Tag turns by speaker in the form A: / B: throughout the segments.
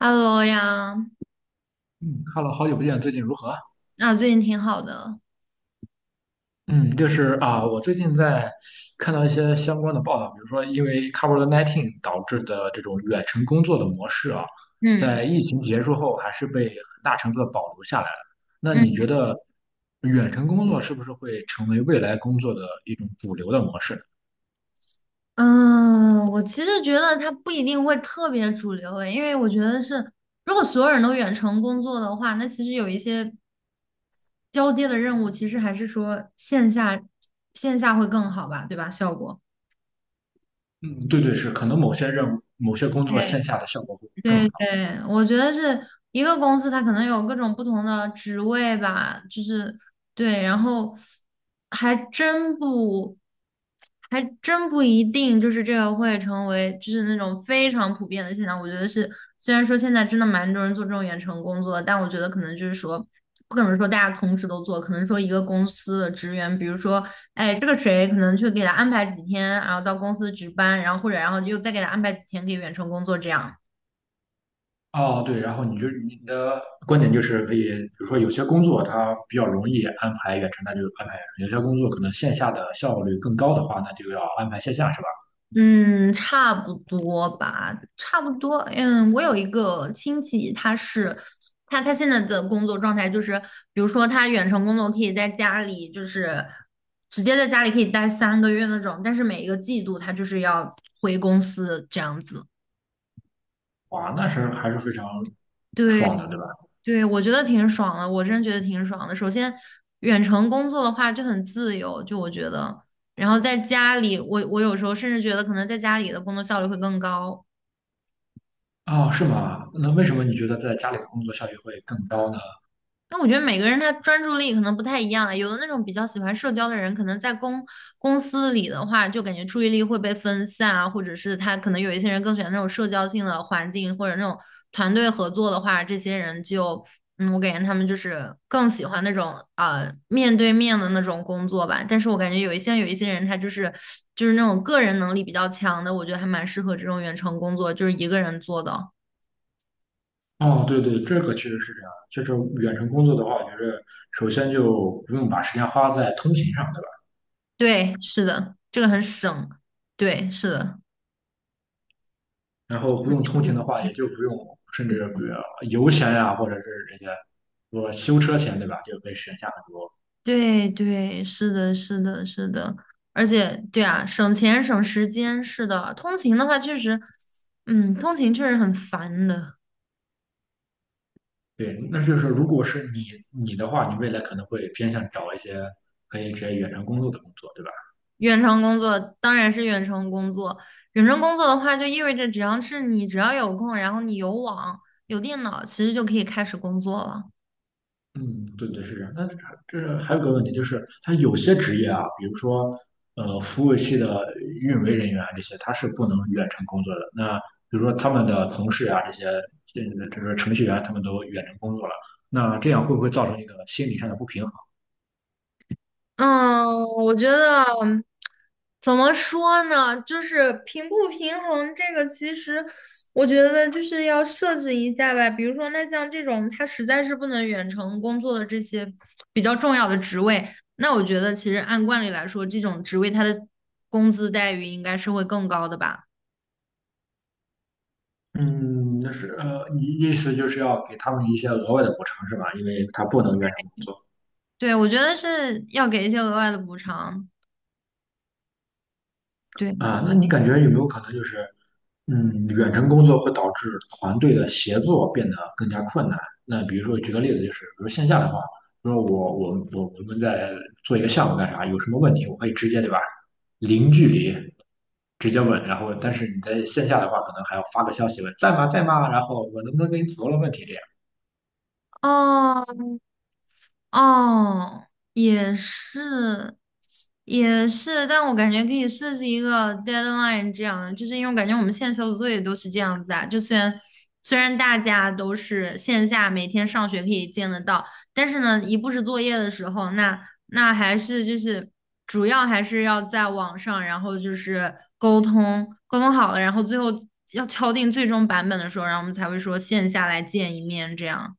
A: Hello 呀，
B: 嗯 h e 好久不见，最近如何？
A: 啊，最近挺好的。
B: 嗯，就是啊，我最近在看到一些相关的报道，比如说因为 COVID-19 导致的这种远程工作的模式啊，
A: 嗯
B: 在疫情结束后还是被很大程度的保留下来了。那
A: 嗯
B: 你觉得远程工作是不是会成为未来工作的一种主流的模式？
A: 嗯，我其实觉得它不一定会特别主流诶，因为我觉得是，如果所有人都远程工作的话，那其实有一些交接的任务，其实还是说线下会更好吧，对吧？效果。
B: 嗯，对对，是，可能某些任务、某些工作线下的效果会更
A: 对对，
B: 好。
A: 我觉得是一个公司，它可能有各种不同的职位吧，就是对，然后还真不，还真不一定，就是这个会成为就是那种非常普遍的现象。我觉得是，虽然说现在真的蛮多人做这种远程工作，但我觉得可能就是说，不可能说大家同时都做，可能说一个公司的职员，比如说，哎，这个谁可能去给他安排几天，然后到公司值班，然后或者然后又再给他安排几天可以远程工作这样。
B: 哦，对，然后你的观点就是可以，比如说有些工作它比较容易安排远程，那就安排远程；有些工作可能线下的效率更高的话，那就要安排线下，是吧？
A: 嗯，差不多吧，差不多。嗯，我有一个亲戚，他是他他现在的工作状态就是，比如说他远程工作可以在家里，就是直接在家里可以待3个月那种，但是每一个季度他就是要回公司这样子。
B: 哇，那是还是非常爽
A: 对
B: 的，对吧？
A: 对，我觉得挺爽的，我真觉得挺爽的。首先，远程工作的话就很自由，就我觉得，然后在家里，我有时候甚至觉得可能在家里的工作效率会更高。
B: 哦，是吗？那为什么你觉得在家里的工作效率会更高呢？
A: 那我觉得每个人他专注力可能不太一样啊，有的那种比较喜欢社交的人，可能在公司里的话，就感觉注意力会被分散啊，或者是他可能有一些人更喜欢那种社交性的环境，或者那种团队合作的话，这些人就，嗯，我感觉他们就是更喜欢那种面对面的那种工作吧。但是我感觉有一些人他就是那种个人能力比较强的，我觉得还蛮适合这种远程工作，就是一个人做的。
B: 哦，对对，这个确实是这样。就是远程工作的话，我觉得首先就不用把时间花在通勤上，对吧？
A: 对，是的，这个很省。对，是的。
B: 然后不用通勤的话，也就不用，甚至比如油钱呀、或者是这些，我修车钱，对吧？就可以省下很多。
A: 对对，是的，是的，是的，而且对啊，省钱省时间，是的。通勤的话，确实，嗯，通勤确实很烦的。
B: 对，那就是如果是你的话，你未来可能会偏向找一些可以直接远程工作的工作，对吧？
A: 远程工作当然是远程工作，远程工作的话，就意味着只要有空，然后你有网有电脑，其实就可以开始工作了。
B: 嗯，对对是这样。那这还有个问题就是，他有些职业啊，比如说服务器的运维人员啊这些，他是不能远程工作的。那比如说他们的同事啊这些，这这个程序员他们都远程工作了，那这样会不会造成一个心理上的不平衡？
A: 嗯，我觉得怎么说呢，就是平不平衡这个，其实我觉得就是要设置一下吧。比如说，那像这种他实在是不能远程工作的这些比较重要的职位，那我觉得其实按惯例来说，这种职位他的工资待遇应该是会更高的吧？
B: 嗯，那是你意思就是要给他们一些额外的补偿是吧？因为他不能远程工作。
A: 对，我觉得是要给一些额外的补偿。对。
B: 啊，那你感觉有没有可能就是，远程工作会导致团队的协作变得更加困难？那比如说举个例子，就是比如线下的话，比如说我们在做一个项目干啥，有什么问题我可以直接对吧，零距离直接问，然后但是你在线下的话，可能还要发个消息问在吗在吗，然后我能不能给你组了问题这样。
A: 哦，哦，也是，也是，但我感觉可以设置一个 deadline，这样，就是因为我感觉我们现在小组作业都是这样子啊，就虽然大家都是线下每天上学可以见得到，但是呢，一布置作业的时候，那还是就是主要还是要在网上，然后就是沟通沟通好了，然后最后要敲定最终版本的时候，然后我们才会说线下来见一面，这样，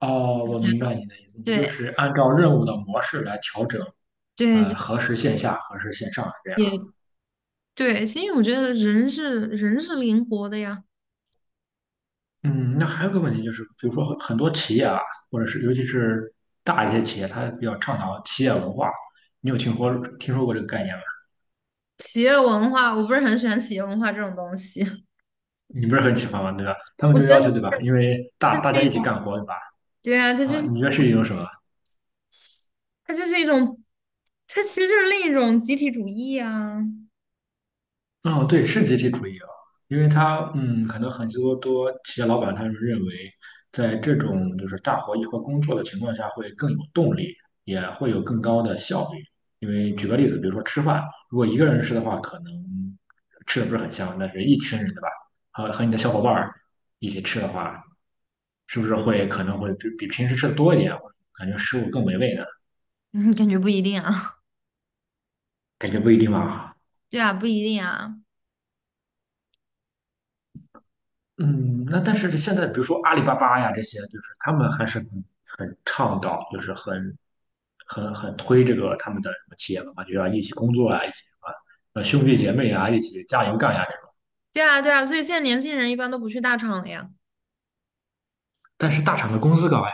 B: 哦，我明白你的意思，你就
A: 对
B: 是按照任务的模式来调整，
A: 对对。
B: 核实线下，核实线上。这样。
A: 也对，其实我觉得人是灵活的呀。
B: 嗯，那还有个问题就是，比如说很多企业啊，或者是尤其是大一些企业，它比较倡导企业文化。你有听说过这个概念吗？
A: 企业文化，我不是很喜欢企业文化这种东西。
B: 你不是很喜欢吗？对吧？他们
A: 我
B: 就
A: 觉得
B: 要求，对吧？因为
A: 它
B: 大
A: 是
B: 大家
A: 一
B: 一起
A: 种，
B: 干活，对吧？
A: 对啊，它就
B: 啊，
A: 是
B: 你觉得是一种什么？
A: 它就是一种，它其实就是另一种集体主义啊。
B: 嗯，对，是集体主义啊，因为他，可能很多企业老板他们认为，在这种就是大伙一块工作的情况下，会更有动力，也会有更高的效率。因为举个例子，比如说吃饭，如果一个人吃的话，可能吃的不是很香，但是一群人，对吧？和你的小伙伴儿一起吃的话，是不是会可能会比平时吃的多一点，感觉食物更美味呢？
A: 嗯，感觉不一定啊。
B: 感觉不一定吧。
A: 对啊，不一定啊。
B: 嗯，那但是现在比如说阿里巴巴呀这些，就是他们还是很倡导，就是很推这个他们的什么企业文化，就要一起工作啊，一起啊，兄弟姐妹啊，一起加
A: 对
B: 油干呀这种。
A: 对啊，对啊。所以现在年轻人一般都不去大厂了呀。
B: 但是大厂的工资高呀。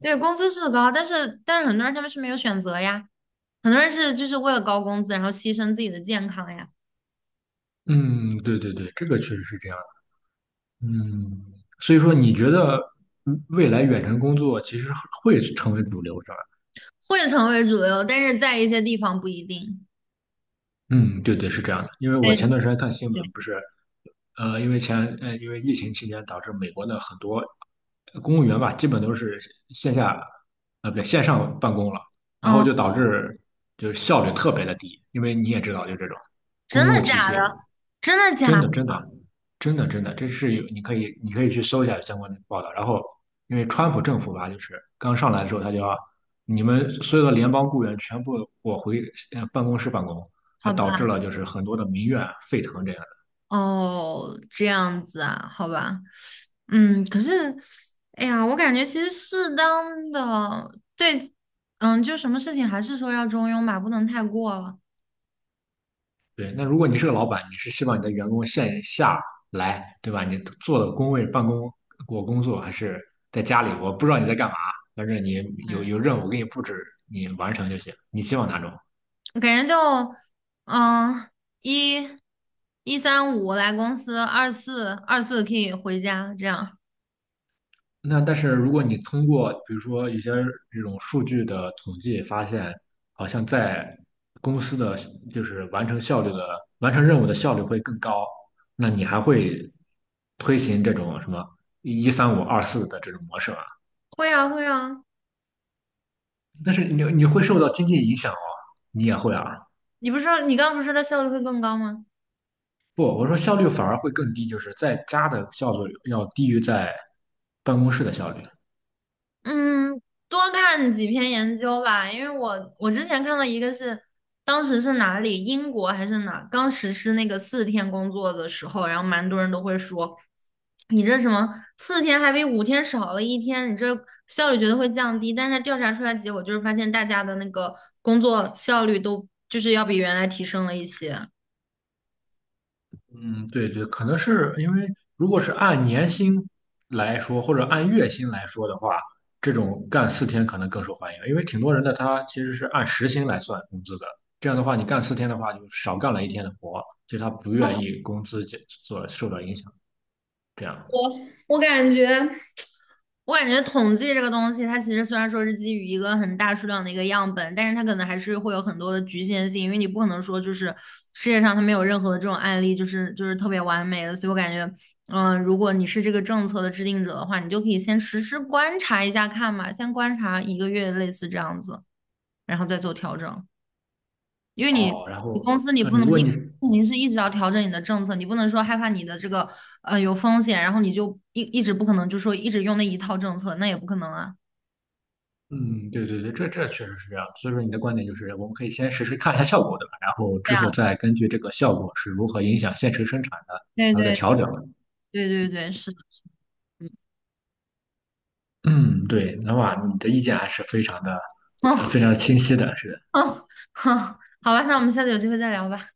A: 对，工资是高，但是很多人他们是没有选择呀。很多人是就是为了高工资，然后牺牲自己的健康呀，
B: 嗯，对对对，这个确实是这样的。嗯，所以说你觉得未来远程工作其实会成为主流，是吧？
A: 会成为主流，但是在一些地方不一定。
B: 嗯，对对，是这样的。因为我
A: 对
B: 前段时间看新
A: 对，
B: 闻，不是，因为疫情期间导致美国的很多公务员吧，基本都是线下，不对，线上办公了，然后
A: 嗯。
B: 就导致就是效率特别的低，因为你也知道，就这种
A: 真
B: 公
A: 的
B: 务体
A: 假
B: 系。
A: 的？真的假的？
B: 真的，真的，真的，真的，这是有，你可以去搜一下相关的报道。然后，因为川普政府吧，就是刚上来的时候，他就要你们所有的联邦雇员全部我回办公室办公，还
A: 好吧，
B: 导致了就是很多的民怨啊沸腾这样的。
A: 哦，这样子啊，好吧，嗯，可是，哎呀，我感觉其实适当的，对，嗯，就什么事情还是说要中庸吧，不能太过了，
B: 对，那如果你是个老板，你是希望你的员工线下来，对吧？你坐的工位办公，我工作还是在家里？我不知道你在干嘛，反正你有
A: 嗯，
B: 有任务给你布置，你完成就行。你希望哪种？
A: 我感觉就，嗯，一，一三五来公司，二四可以回家，这样，
B: 那但是如果你通过比如说一些这种数据的统计发现，好像在公司的就是完成任务的效率会更高，那你还会推行这种什么一三五二四的这种模式吗？
A: 会啊会啊，
B: 但是你会受到经济影响哦，你也会啊？
A: 你刚刚不是说它效率会更高吗？
B: 不，我说效率反而会更低，就是在家的效率要低于在办公室的效率。
A: 嗯，多看几篇研究吧，因为我之前看到一个是，当时是哪里，英国还是哪，刚实施那个四天工作的时候，然后蛮多人都会说，你这什么四天还比5天少了一天，你这效率绝对会降低。但是调查出来结果就是发现大家的那个工作效率都就是要比原来提升了一些。
B: 嗯，对对，可能是因为如果是按年薪来说，或者按月薪来说的话，这种干四天可能更受欢迎，因为挺多人的他其实是按时薪来算工资的。这样的话，你干四天的话，就少干了一天的活，就他不愿意工资减所受到影响。这样
A: 我我感觉，我感觉统计这个东西，它其实虽然说是基于一个很大数量的一个样本，但是它可能还是会有很多的局限性，因为你不可能说就是世界上它没有任何的这种案例，就是特别完美的。所以我感觉，嗯、如果你是这个政策的制定者的话，你就可以先实时观察一下看嘛，先观察一个月类似这样子，然后再做调整。因为你
B: 哦，然
A: 你
B: 后
A: 公司你不
B: 如
A: 能
B: 果
A: 你
B: 你
A: 肯定是一直要调整你的政策，你不能说害怕你的这个有风险，然后你就一直不可能就说一直用那一套政策，那也不可能啊。
B: 嗯，对对对，这确实是这样。所以说你的观点就是，我们可以先实时看一下效果，对吧？然后
A: 对
B: 之后
A: 啊，
B: 再根据这个效果是如何影响现实生产的，
A: 对
B: 然后再
A: 对
B: 调整。
A: 对对对，是的，是的
B: 嗯，对，那哇，你的意见还是非常的，非常清晰的，是
A: 嗯，好吧，那我们下次有机会再聊吧。